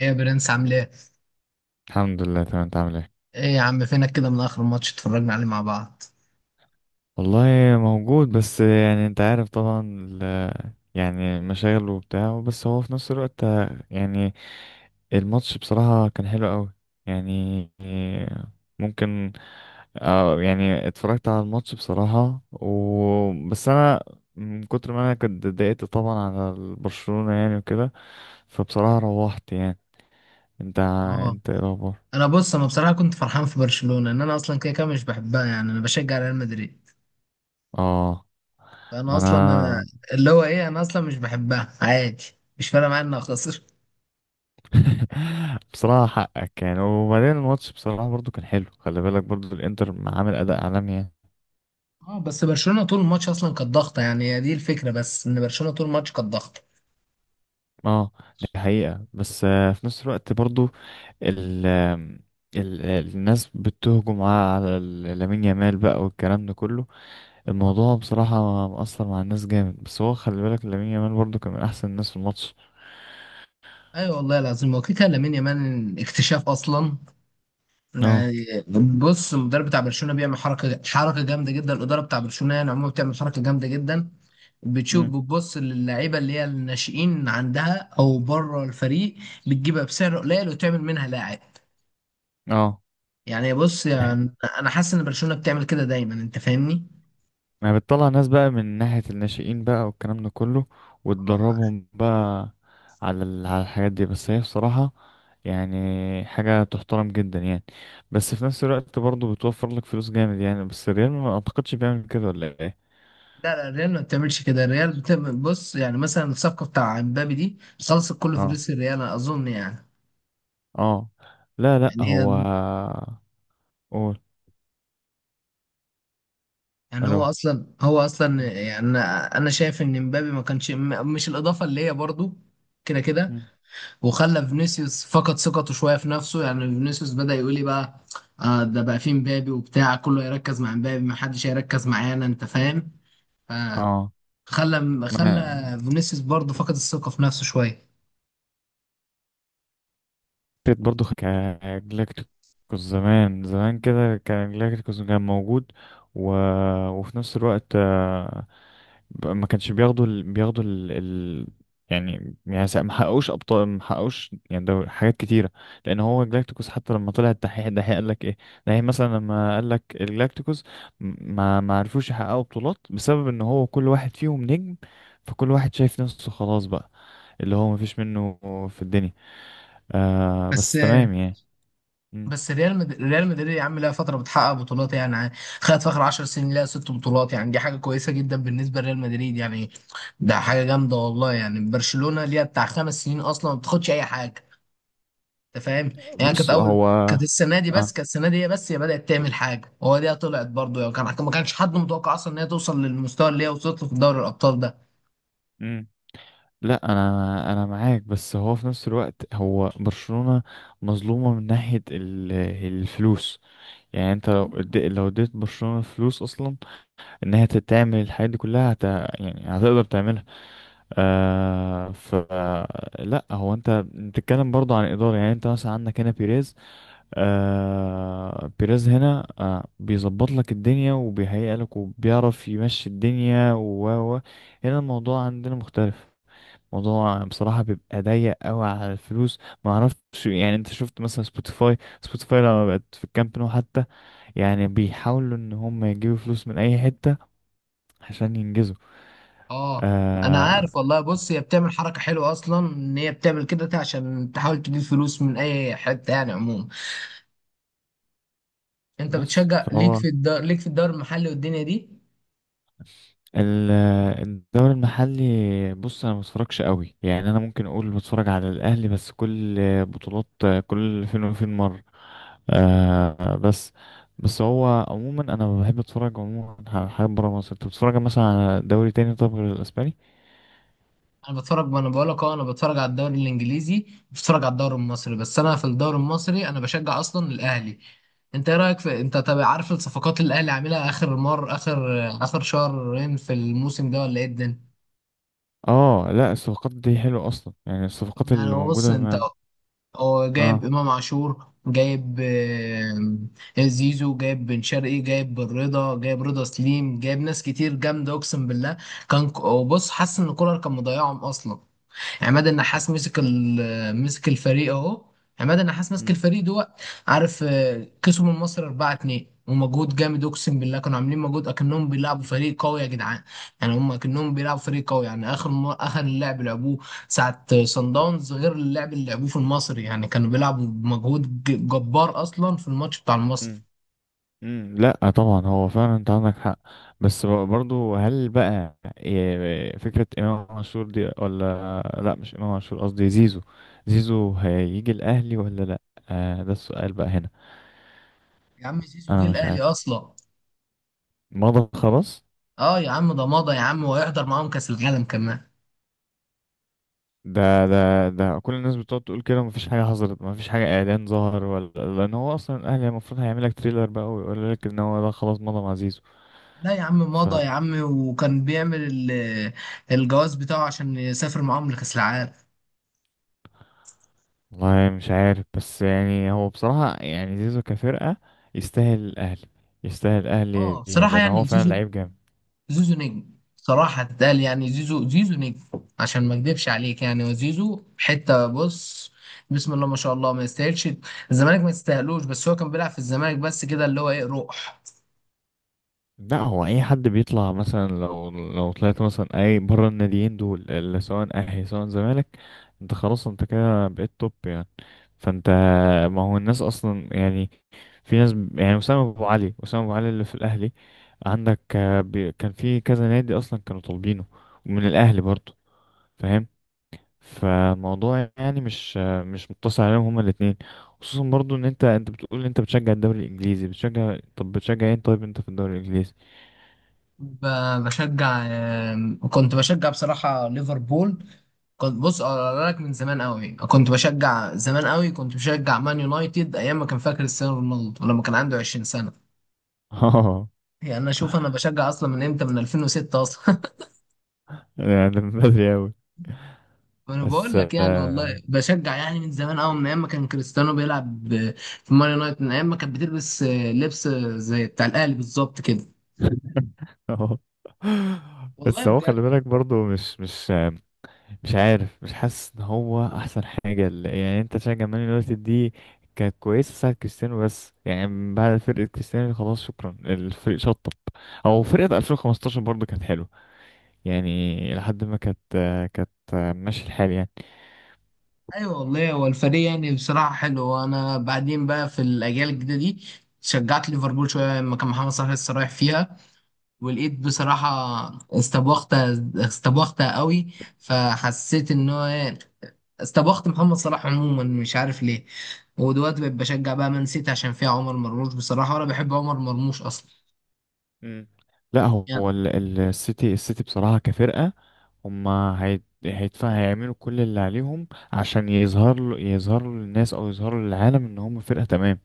ايه يا برنس عامل ايه؟ الحمد لله، تمام. انت عامل ايه؟ ايه يا عم فينك كده من اخر ماتش اتفرجنا عليه مع بعض؟ والله موجود، بس يعني انت عارف طبعا، يعني مشاغل وبتاع. بس هو في نفس الوقت يعني الماتش بصراحة كان حلو قوي. يعني ممكن، اه يعني اتفرجت على الماتش بصراحة، و بس انا من كتر ما انا كنت اتضايقت طبعا على برشلونة يعني، وكده. فبصراحة روحت يعني. انت اه، انت ايه الاخبار؟ انا بص انا بصراحه كنت فرحان في برشلونه، ان انا اصلا كده كده مش بحبها، يعني انا بشجع ريال مدريد. اه. فانا ما اصلا أنا انا. اللي هو ايه انا اصلا مش بحبها عادي، مش فارقه معايا انها خسر. بصراحة حقك يعني. وبعدين الماتش بصراحة برضو كان حلو. خلي بالك برضو الانتر عامل اداء عالمي يعني. اه، بس برشلونه طول الماتش اصلا كانت ضاغطه، يعني هي دي الفكره، بس ان برشلونه طول الماتش كانت ضاغطه. اه، دي حقيقة. بس آه، في نفس الوقت برضو ال ال الناس بتهجم على لامين يامال بقى، والكلام ده كله. اه، الموضوع بصراحة مأثر مع الناس جامد. بس هو خلي بالك لامين يامال برضو كان من احسن الناس في الماتش. ايوه والله العظيم، هو كده كده لامين يامال اكتشاف اصلا، اه. يعني. بص، المدرب بتاع برشلونه بيعمل حركه جامده جدا. الاداره بتاع برشلونه يعني عموما بتعمل حركه جامده جدا، بتشوف، مم. بتبص للعيبه اللي هي الناشئين عندها او بره الفريق، بتجيبها بسعر قليل وتعمل منها لاعب. اه، يعني بص، يعني انا حاسس ان برشلونه بتعمل كده دايما، انت فاهمني؟ ما هي بتطلع ناس بقى من ناحية الناشئين بقى، والكلام ده كله، وتدربهم بقى على على الحاجات دي. بس هي بصراحة يعني حاجة تحترم جدا يعني. بس في نفس الوقت برضه بتوفر لك فلوس جامد يعني. بس الريال ما اعتقدش بيعمل كده ولا ايه؟ لا لا، الريال ما بتعملش كده، الريال بتعمل، بص يعني، مثلا الصفقه بتاع امبابي دي خلصت كل اه، فلوس الريال، أنا اظن يعني. اه. لا لا، هو. يعني قول. هو الو. اصلا هو اصلا يعني انا شايف ان مبابي ما كانش، مش الاضافه اللي هي برضو كده كده، مم. وخلى فينيسيوس فقد ثقته شويه في نفسه، يعني فينيسيوس بدا يقول لي بقى: آه ده بقى فيه مبابي وبتاع، كله يركز مع مبابي، ما حدش هيركز معانا، انت فاهم؟ فخلى اه. خلى ما انا فينيسيوس برضو فقد الثقه في نفسه شويه. فكرة برضه كجلاكتيكوس. زمان زمان كده كان جلاكتيكوس كان موجود. و وفي نفس الوقت بقى ما كانش بياخدوا. سا- ما حققوش ابطال، ما حققوش. يعني ده حاجات كتيره. لان هو جلاكتيكوس حتى لما طلع الدحيح، الدحيح قال لك ايه الدحيح مثلا لما قال لك الجلاكتيكوس، ما عرفوش يحققوا بطولات بسبب ان هو كل واحد فيهم نجم. فكل واحد شايف نفسه خلاص بقى، اللي هو ما فيش منه في الدنيا. آه بس بس تمام يعني. مم. بس ريال مدريد يا عم لها فتره بتحقق بطولات، يعني. خدت في اخر 10 سنين لها ست بطولات، يعني دي حاجه كويسه جدا بالنسبه لريال مدريد، يعني ده حاجه جامده والله. يعني برشلونه ليها بتاع خمس سنين اصلا ما بتاخدش اي حاجه، انت فاهم؟ يعني كانت بص اول، هو. كانت السنه دي، بس اه. كانت السنه دي هي، بس هي بدات تعمل حاجه، هو دي طلعت برضه، يعني كان ما كانش حد متوقع اصلا ان هي توصل للمستوى اللي هي وصلت له في دوري الابطال ده. لا، انا انا معاك. بس هو في نفس الوقت هو برشلونة مظلومة من ناحية الفلوس. يعني انت لو اديت برشلونة فلوس اصلا ان هي تعمل الحاجات دي كلها، هت يعني هتقدر تعملها. آه ف. لا هو انت بتتكلم برضه عن ادارة. يعني انت مثلا عندك هنا بيريز. آه بيريز هنا آه بيظبط لك الدنيا، وبيهيئ لك، وبيعرف يمشي الدنيا. و- هنا الموضوع عندنا مختلف. موضوع بصراحة بيبقى ضيق قوي على الفلوس. ما اعرفش. يعني انت شفت مثلا سبوتيفاي لما بقت في الكامب نو حتى. يعني بيحاولوا ان هم يجيبوا فلوس من اي حتة عشان ينجزوا. اه انا آه. عارف والله. بص، هي بتعمل حركه حلوه اصلا، ان هي بتعمل كده عشان تحاول تجيب فلوس من اي حته، يعني عموما. انت بس بتشجع ليك فهو في الدار، ليك في الدوري المحلي والدنيا دي؟ آه، الدوري المحلي. بص انا ما بتفرجش قوي يعني. انا ممكن اقول بتفرج على الاهلي بس كل بطولات، كل فين وفين مره. آه، بس بس هو عموما انا بحب اتفرج عموما على حاجات بره مصر. انت بتتفرج مثلا على دوري تاني طب غير الاسباني؟ انا بتفرج، وانا بقول لك اه، انا بتفرج على الدوري الانجليزي، بتفرج على الدوري المصري، بس انا في الدوري المصري انا بشجع اصلا الاهلي. انت ايه رايك في، انت طب عارف الصفقات اللي الاهلي عاملها اخر اخر شهرين في الموسم ده، ولا ايه الدنيا؟ اه. لا الصفقات دي حلوه اصلا. يعني الصفقات يعني اللي هو موجوده بص، انت ما. هو جايب اه. امام عاشور، جايب آه، زيزو، جايب بن شرقي، جايب بن رضا، جايب رضا سليم، جايب ناس كتير جامده اقسم بالله. وبص، حاسس ان كولر كان مضيعهم اصلا. عماد النحاس مسك مسك الفريق اهو. عماد النحاس مسك مم. الفريق دوت. عارف آه، كسبوا من مصر 4-2 ومجهود جامد اقسم بالله، كانوا عاملين مجهود اكنهم بيلعبوا فريق قوي يا جدعان. يعني هم اكنهم بيلعبوا فريق قوي، يعني اخر اللعب لعبوه ساعه صن داونز، غير اللعب اللي لعبوه في المصري، يعني كانوا بيلعبوا بمجهود جبار اصلا في الماتش بتاع المصري. مم. مم، لا طبعا هو فعلا انت عندك حق. بس ب- برضو هل بقى إيه، فكرة امام عاشور دي؟ ولا لا، مش امام عاشور، قصدي زيزو. زيزو هيجي الاهلي ولا لا؟ آه ده السؤال بقى هنا. يا عم زيزو جه انا مش الاهلي عارف. اصلا. مضى خلاص؟ اه يا عم ده مضى يا عم، وهيحضر معاهم كاس العالم كمان. ده كل الناس بتقعد تقول كده، مفيش حاجة حصلت، مفيش حاجة اعلان ظهر ولا. لان هو اصلا الاهلي المفروض هيعمل لك تريلر بقى، ويقول لك ان هو ده خلاص مضى مع زيزو. لا يا عم مضى يا عم، وكان بيعمل الجواز بتاعه عشان يسافر معاهم لكأس العالم. والله مش عارف. بس يعني هو بصراحة يعني زيزو كفرقة يستاهل الأهلي. يستاهل اه الأهلي يعني، بصراحة لأن هو يعني فعلا زيزو، لعيب جامد. زيزو نجم. صراحة اتقال، يعني زيزو نجم، عشان ما اكدبش عليك، يعني. وزيزو حتة بص، بسم الله ما شاء الله، ما يستاهلش الزمالك، ما يستاهلوش، بس هو كان بيلعب في الزمالك بس كده، اللي هو ايه، روح. لا هو أي حد بيطلع مثلا، لو طلعت مثلا أي بره الناديين دول، اللي سواء أهلي سواء زمالك، أنت خلاص. أنت كده بقيت توب يعني. فأنت، ما هو الناس أصلا يعني. في ناس ب- يعني أسامة أبو علي اللي في الأهلي. عندك آه، بي- كان في كذا نادي أصلا كانوا طالبينه، ومن الأهلي برضه. فاهم؟ فالموضوع يعني مش مقتصر عليهم هما الاثنين. خصوصا برضو ان انت بتقول ان انت بتشجع الدوري الانجليزي، بتشجع طب بتشجع ايه طيب انت في الدوري الانجليزي؟ بشجع آم، كنت بشجع بصراحة ليفربول. كنت بص اقول لك، من زمان قوي كنت بشجع، زمان قوي كنت بشجع مان يونايتد ايام ما كان، فاكر كريستيانو رونالدو ولما كان عنده 20 سنه؟ اه، يعني انا شوف، انا بشجع اصلا من امتى، من 2006 اصلا. يعني ده من بدري اوي. وانا بقول بس لك يعني آه. والله بشجع يعني من زمان قوي، من ايام ما كان كريستيانو بيلعب في مان يونايتد، من ايام ما كانت بتلبس آه، لبس آه، زي بتاع الاهلي بالظبط كده، اه. والله بس هو بجد. خلي بالك برضو، مش عارف، مش حاسس ان هو احسن حاجه. يعني انت تشجع مان يونايتد دي؟ كانت كويسه ساعه كريستيانو. بس يعني من بعد فرقه كريستيانو خلاص شكرا، الفريق شطب. او فرقه 2015 برضو كانت حلوه، يعني لحد ما كانت ماشي الحال يعني. ايوه والله، هو الفريق يعني بصراحه حلو، وانا بعدين بقى في الاجيال الجديده دي، شجعت ليفربول شويه لما كان محمد صلاح لسه رايح فيها، والايد بصراحة استبوخت، استبوخت قوي. فحسيت ان هو إيه، استبوخت محمد صلاح عموما، مش عارف ليه. ودلوقتي بقيت بشجع بقى مان سيتي، عشان فيها عمر مرموش بصراحة، وانا بحب عمر مرموش اصلا، امم. لا يعني. هو السيتي بصراحة كفرقة. هيدفع، هيعملوا كل اللي عليهم عشان يظهر له، يظهروا للناس او يظهروا للعالم ان هم فرقة تمام.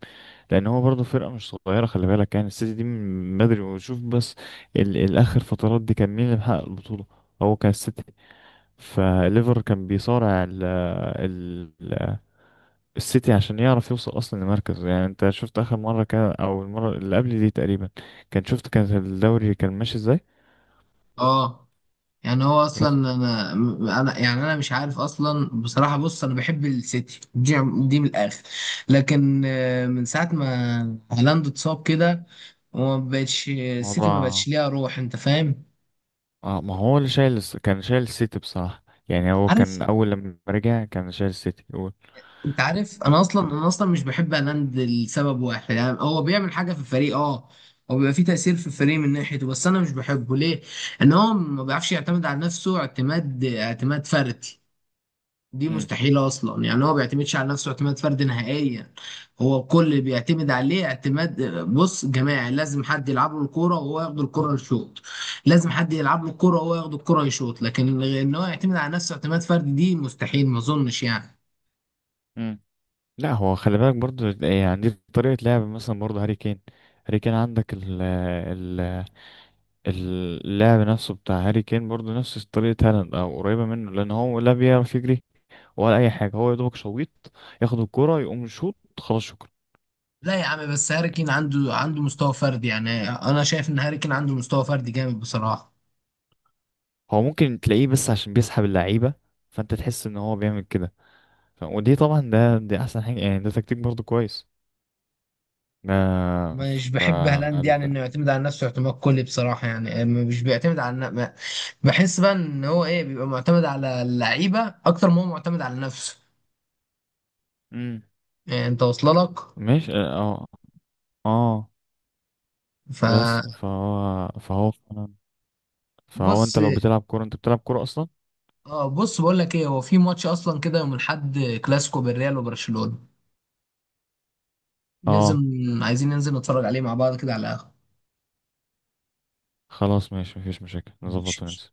لان هو برضه فرقة مش صغيرة، خلي بالك. يعني السيتي دي من بدري. وشوف بس الاخر فترات دي كان مين اللي محقق البطولة؟ هو كان السيتي. فليفر كان بيصارع السيتي عشان يعرف يوصل اصلا لمركز. يعني انت شفت اخر مره كان، او المره اللي قبل دي تقريبا، كان شفت كان الدوري كان ماشي ازاي. اه، يعني هو اصلا، بس انا يعني انا مش عارف اصلا بصراحة. بص، انا بحب السيتي دي، دي من الاخر. لكن آه، من ساعة ما هالاند اتصاب كده، وما بقتش السيتي ما بقتش موضوع. ليها روح، انت فاهم؟ اه، ما هو اللي شايل كان شايل السيتي بصراحه. يعني هو كان عارف، اول لما رجع كان شايل السيتي هو. انت عارف انا اصلا، انا اصلا مش بحب هالاند لسبب واحد. يعني هو بيعمل حاجه في الفريق، اه، هو بيبقى فيه تاثير في الفريق من ناحيته، بس انا مش بحبه ليه؟ ان هو ما بيعرفش يعتمد على نفسه اعتماد فردي، دي امم. مستحيله اصلا. يعني هو ما بيعتمدش على نفسه اعتماد فردي نهائيا. هو الكل اللي بيعتمد عليه اعتماد، بص، جماعي. لازم حد يلعب له الكوره وهو ياخد الكوره يشوط، لازم حد يلعب له الكوره وهو ياخد الكوره يشوط، لكن ان هو يعتمد على نفسه اعتماد فردي دي مستحيل ما اظنش، يعني. امم. لا هو خلي بالك برضو، يعني عندي طريقه لعب مثلا برضو هاري كين. هاري كين عندك ال ال اللعب نفسه بتاع هاري كين برضو نفس طريقه هالاند او قريبه منه، لان هو لا بيعرف يجري ولا اي حاجه. هو يا دوبك شويط، ياخد الكرة يقوم يشوط خلاص شكرا. لا يا عم، بس هاري كين عنده عنده مستوى فردي، يعني انا شايف ان هاري كين عنده مستوى فردي جامد بصراحه. هو ممكن تلاقيه بس عشان بيسحب اللعيبه، فانت تحس ان هو بيعمل كده. ودي طبعا دي احسن حاجه يعني. ده تكتيك برضو كويس. ده مش ف بحب هالاند، يعني ال- انه يعتمد على نفسه اعتماد كلي بصراحه، يعني مش بيعتمد على بحس بقى ان هو ايه، بيبقى معتمد على اللعيبه اكتر ما هو معتمد على نفسه، مم. يعني انت واصله لك؟ ماشي اه. اه آه، بس فبص، فهو انت لو بتلعب كوره انت بتلعب كوره اصلا. اه بص، بقول لك ايه، هو في ماتش اصلا كده يوم الاحد، كلاسيكو بالريال وبرشلونه، ننزل، اه، عايزين ننزل نتفرج عليه مع بعض كده على القهوه. خلاص ماشي مفيش مشاكل، نظبط ماشي. وننسى.